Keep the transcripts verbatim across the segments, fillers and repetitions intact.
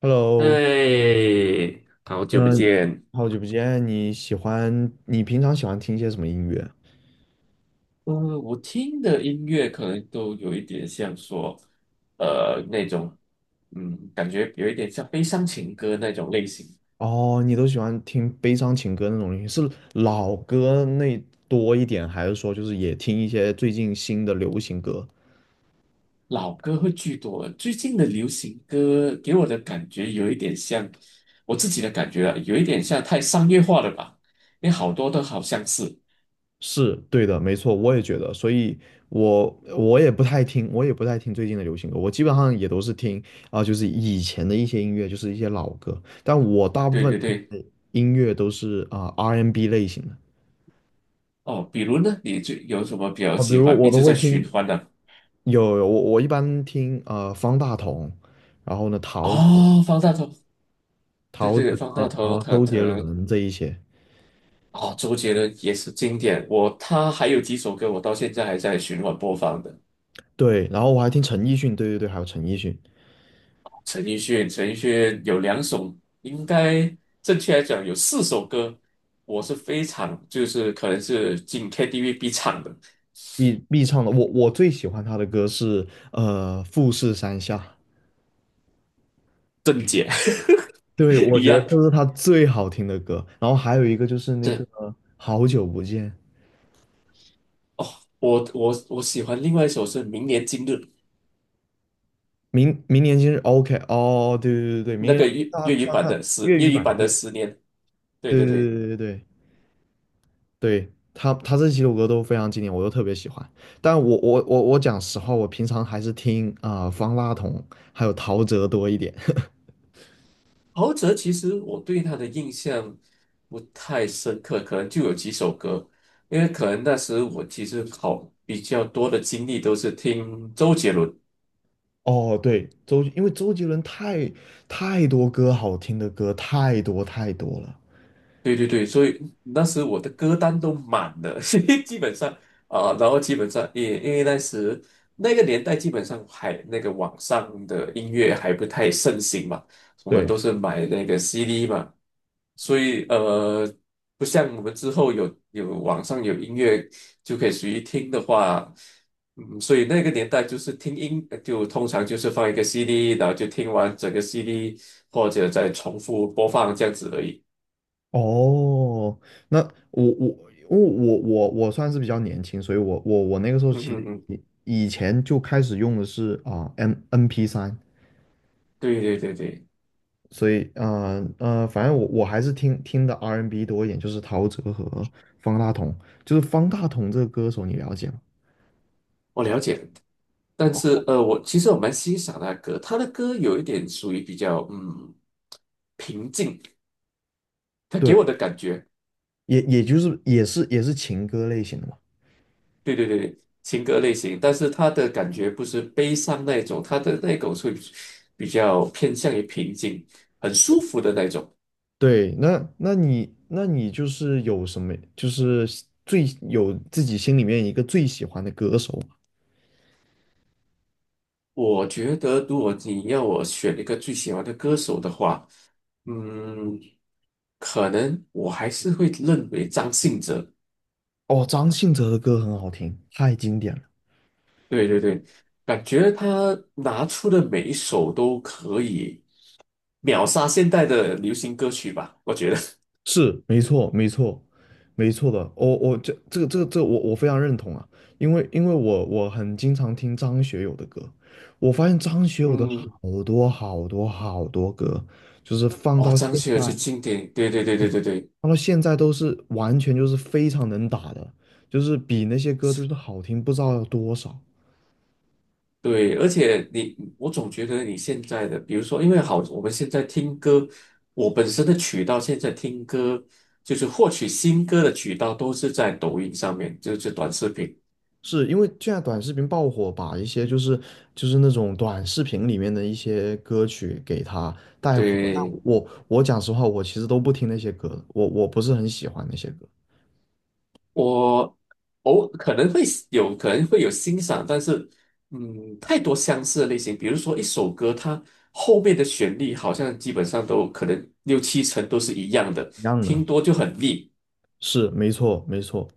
Hello，哎，好久不嗯，见。好久不见。你喜欢，你平常喜欢听些什么音乐？嗯，我听的音乐可能都有一点像说，呃，那种，嗯，感觉有一点像悲伤情歌那种类型，哦，你都喜欢听悲伤情歌那种音乐，是老歌那多一点，还是说就是也听一些最近新的流行歌？老歌会居多。最近的流行歌给我的感觉有一点像，我自己的感觉啊，有一点像太商业化了吧？因为好多都好像是，是对的，没错，我也觉得。所以我，我也不太听，我也不太听最近的流行歌，我基本上也都是听啊、就是以前的一些音乐，就是一些老歌。但我大部对分对听对。的音乐都是啊、R and B N 类型的。哦，比如呢，你最有什么比较啊，比喜如欢，我一都直会在听，循环的？有有，我我一般听呃方大同，然后呢陶喆、哦，方大同，陶对喆，对对，方大然同，后他周他。杰伦这一些，哦，周杰伦也是经典，我他还有几首歌我到现在还在循环播放的。对，然后我还听陈奕迅，对对对，还有陈奕迅陈奕迅，陈奕迅有两首，应该正确来讲有四首歌，我是非常就是可能是进 K T V 必唱的，必必唱的，我我最喜欢他的歌是呃《富士山下》，正解 对，我一觉得样。这是他最好听的歌，然后还有一个就是那个对。好久不见，哦，我我我喜欢另外一首是《明年今日》，明明年今日 OK,哦，对对对对，明那年个粤他粤语他版他的十粤粤语语版，版的对《十年》，对对对对对对。对对，对对，他他这几首歌都非常经典，我都特别喜欢。但我我我我讲实话，我平常还是听啊、呃方大同还有陶喆多一点。陶喆其实我对他的印象不太深刻，可能就有几首歌，因为可能那时我其实好比较多的精力都是听周杰伦。哦，对，周，因为周杰伦太太多歌好听的歌太多太多了。对对对，所以那时我的歌单都满了，所以基本上啊、然后基本上也因为那时那个年代基本上还那个网上的音乐还不太盛行嘛，我们都对，是买那个 C D 嘛，所以呃，不像我们之后有有网上有音乐就可以随意听的话，嗯，所以那个年代就是听音就通常就是放一个 C D，然后就听完整个 C D 或者再重复播放这样子而已。哦，那我我因为我我我算是比较年轻，所以我我我那个时候嗯其嗯实嗯。以以前就开始用的是啊、M N P 三，对对对对，所以，呃呃，反正我我还是听听的 R and B n 多一点，就是陶喆和方大同。就是方大同这个歌手，你了解吗？我了解。但是呃，我其实我蛮欣赏他的歌，他的歌有一点属于比较嗯平静，他给对，我的感觉，也也就是也是也是情歌类型的嘛。对对对对，情歌类型，但是他的感觉不是悲伤那一种，他的那种是比较偏向于平静，很舒服的那种。对，那那你那你就是有什么，就是最有自己心里面一个最喜欢的歌手吗？我觉得如果你要我选一个最喜欢的歌手的话，嗯，可能我还是会认为张信哲。哦，张信哲的歌很好听，太经典了。对对对，感觉他拿出的每一首都可以秒杀现代的流行歌曲吧，我觉得。是，没错，没错，没错的。我我这这个这个这个我我非常认同啊，因为因为我我很经常听张学友的歌，我发现张学友的嗯。好多好多好多歌，就是放哦，到张现学友在，是经典，对对对对嗯对对。放到现在都是完全就是非常能打的，就是比那些歌就是好听不知道要多少。对，而且你，我总觉得你现在的，比如说，因为好，我们现在听歌，我本身的渠道现在听歌，就是获取新歌的渠道都是在抖音上面，就是短视频。是因为现在短视频爆火，把一些就是就是那种短视频里面的一些歌曲给它带火。但对，我我讲实话，我其实都不听那些歌的，我我不是很喜欢那些歌。我偶可能会喜有可能会有欣赏，但是嗯，太多相似的类型，比如说一首歌，它后面的旋律好像基本上都可能六七成都是一样的，一样的，听多就很腻。是没错没错。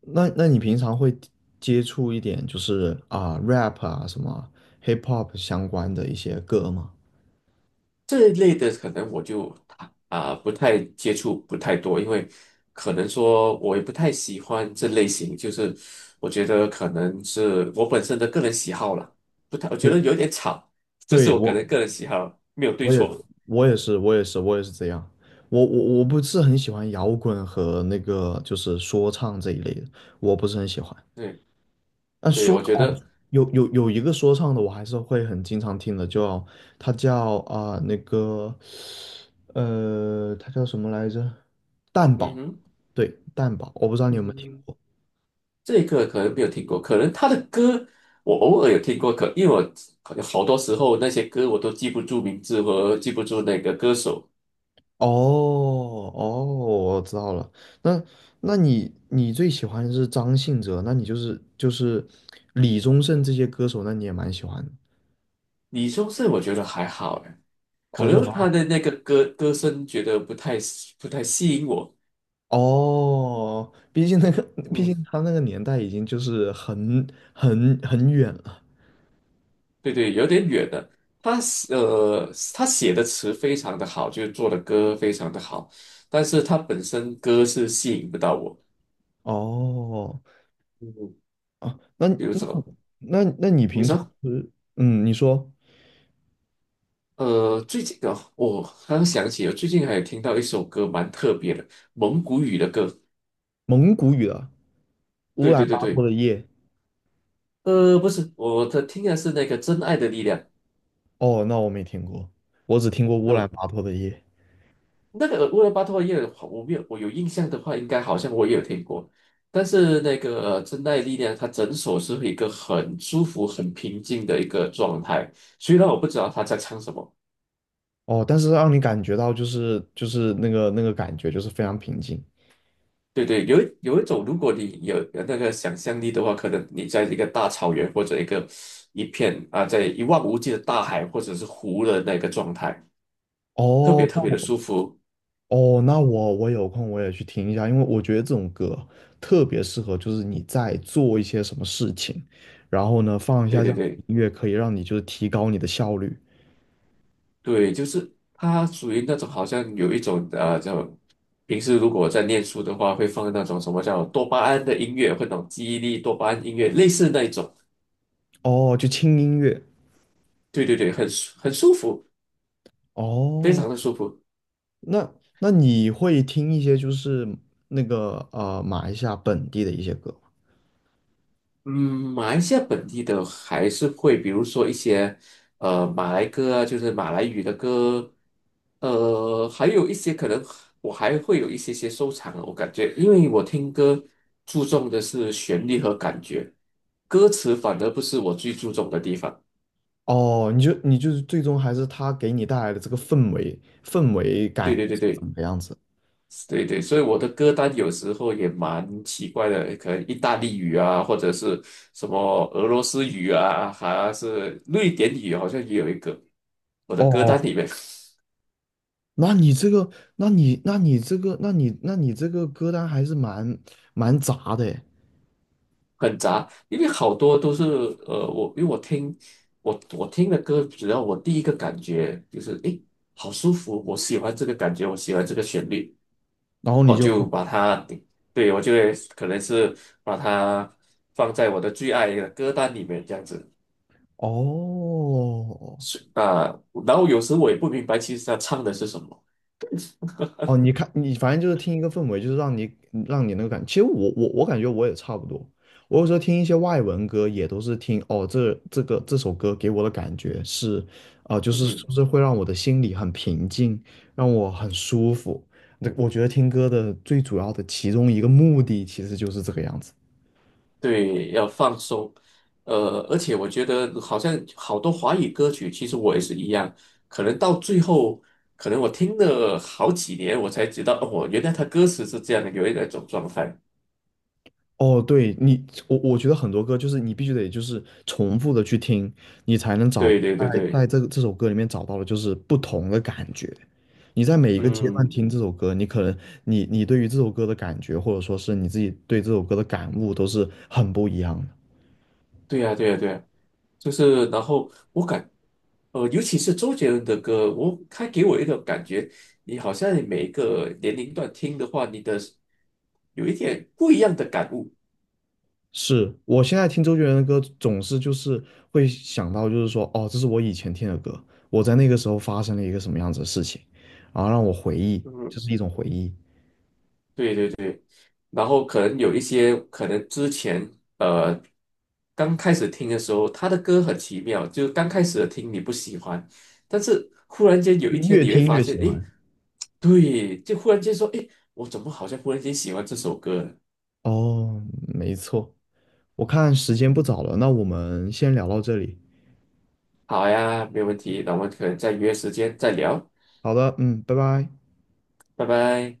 那那你平常会接触一点就是啊 rap 啊什么 hip hop 相关的一些歌吗？这一类的可能我就啊、不太接触，不太多，因为可能说我也不太喜欢这类型，就是我觉得可能是我本身的个人喜好了，不太，我觉对，得有点吵，这是对，我个人我。个人喜好，没有对我也错。我也是我也是我也是这样，我我我不是很喜欢摇滚和那个就是说唱这一类的，我不是很喜欢。对。但对，说我唱觉哦得，有有有一个说唱的，我还是会很经常听的，叫他叫啊、那个呃它叫什么来着？蛋嗯堡，哼。对蛋堡，我不知道你有没有听嗯，过。这个可能没有听过，可能他的歌我偶尔有听过，可因为我好多时候那些歌我都记不住名字和记不住那个歌手。哦哦，我知道了。那那你你最喜欢的是张信哲，那你就是就是李宗盛这些歌手，那你也蛮喜欢的。李宗盛我觉得还好，哎，可哦，就能还他好的那个歌歌声觉得不太不太吸引我。哦，毕竟那个，毕竟嗯，他那个年代已经就是很很很远了。对对，有点远了。他是呃，他写的词非常的好，就是做的歌非常的好，但是他本身歌是吸引不到我。哦嗯。哦，那比如那说那那你你平常说？是嗯，你说呃，最近的我刚想起了，最近还有听到一首歌蛮特别的，蒙古语的歌。蒙古语的《乌对兰对对巴托对。的夜》？呃，不是，我的听的是那个《真爱的力量》。哦，那我没听过，我只听过《乌兰呃，巴托的夜》。那个乌兰巴托耶，我没有，我有印象的话，应该好像我也有听过。但是那个呃《真爱的力量》，它整首是一个很舒服、很平静的一个状态。虽然我不知道他在唱什么。哦，但是让你感觉到就是就是那个那个感觉就是非常平静。对对，有一有一种，如果你有有那个想象力的话，可能你在一个大草原或者一个一片啊，在一望无际的大海或者是湖的那个状态，特别哦特别那的舒服。哦，那我我有空我也去听一下，因为我觉得这种歌特别适合，就是你在做一些什么事情，然后呢放一下对这对样的对音乐，可以让你就是提高你的效率。对，就是它属于那种好像有一种呃叫平时如果在念书的话，会放那种什么叫多巴胺的音乐，会者那种记忆力多巴胺音乐，类似那一种。哦，就轻音乐。对对对，很舒很舒服，非哦，常的舒服。那那你会听一些就是那个呃马来西亚本地的一些歌吗？嗯，马来西亚本地的还是会，比如说一些呃马来歌啊，就是马来语的歌，呃，还有一些可能我还会有一些些收藏啊，我感觉，因为我听歌注重的是旋律和感觉，歌词反而不是我最注重的地方。哦，你就你就是最终还是他给你带来的这个氛围氛围对感对对是怎对。么样子？对对，所以我的歌单有时候也蛮奇怪的，可能意大利语啊，或者是什么俄罗斯语啊，还是瑞典语，好像也有一个。我的歌哦，单里面那你这个，那你那你这个，那你那你这个歌单还是蛮蛮杂的诶。很杂，因为好多都是呃，我因为我听我我听的歌，只要我第一个感觉就是诶，好舒服，我喜欢这个感觉，我喜欢这个旋律，然后你我就，就把它对，我就会可能是把它放在我的最爱的歌单里面这样子。哦所以啊，然后有时我也不明白，其实他唱的是什么。哦，你看，你反正就是听一个氛围，就是让你让你那个感。其实我我我感觉我也差不多。我有时候听一些外文歌，也都是听哦，这这个这首歌给我的感觉是，啊、就嗯是就哼。是会让我的心里很平静，让我很舒服。那我觉得听歌的最主要的其中一个目的，其实就是这个样子。对，要放松。呃，而且我觉得好像好多华语歌曲，其实我也是一样，可能到最后，可能我听了好几年，我才知道，哦，原来他歌词是这样的，有一种状态。哦，对你，我我觉得很多歌就是你必须得就是重复的去听，你才能找对在对对对。在这个这首歌里面找到的就是不同的感觉。你在每一个阶段嗯，听这首歌，你可能你你对于这首歌的感觉，或者说是你自己对这首歌的感悟，都是很不一样的。对呀对呀对呀。就是然后我感，呃，尤其是周杰伦的歌，我他给我一种感觉，你好像每一个年龄段听的话，你的有一点不一样的感悟。是我现在听周杰伦的歌，总是就是会想到，就是说，哦，这是我以前听的歌，我在那个时候发生了一个什么样子的事情，然后让我回忆，就嗯，是一种回忆，对对对。然后可能有一些，可能之前呃刚开始听的时候，他的歌很奇妙，就是刚开始听你不喜欢，但是忽然间有就一天越你会听发越现，喜诶，欢。对，就忽然间说，诶，我怎么好像忽然间喜欢这首歌了？哦，没错，我看时间不早了，那我们先聊到这里。好呀，没有问题，那我们可能再约时间再聊，好的，嗯，拜拜。拜拜。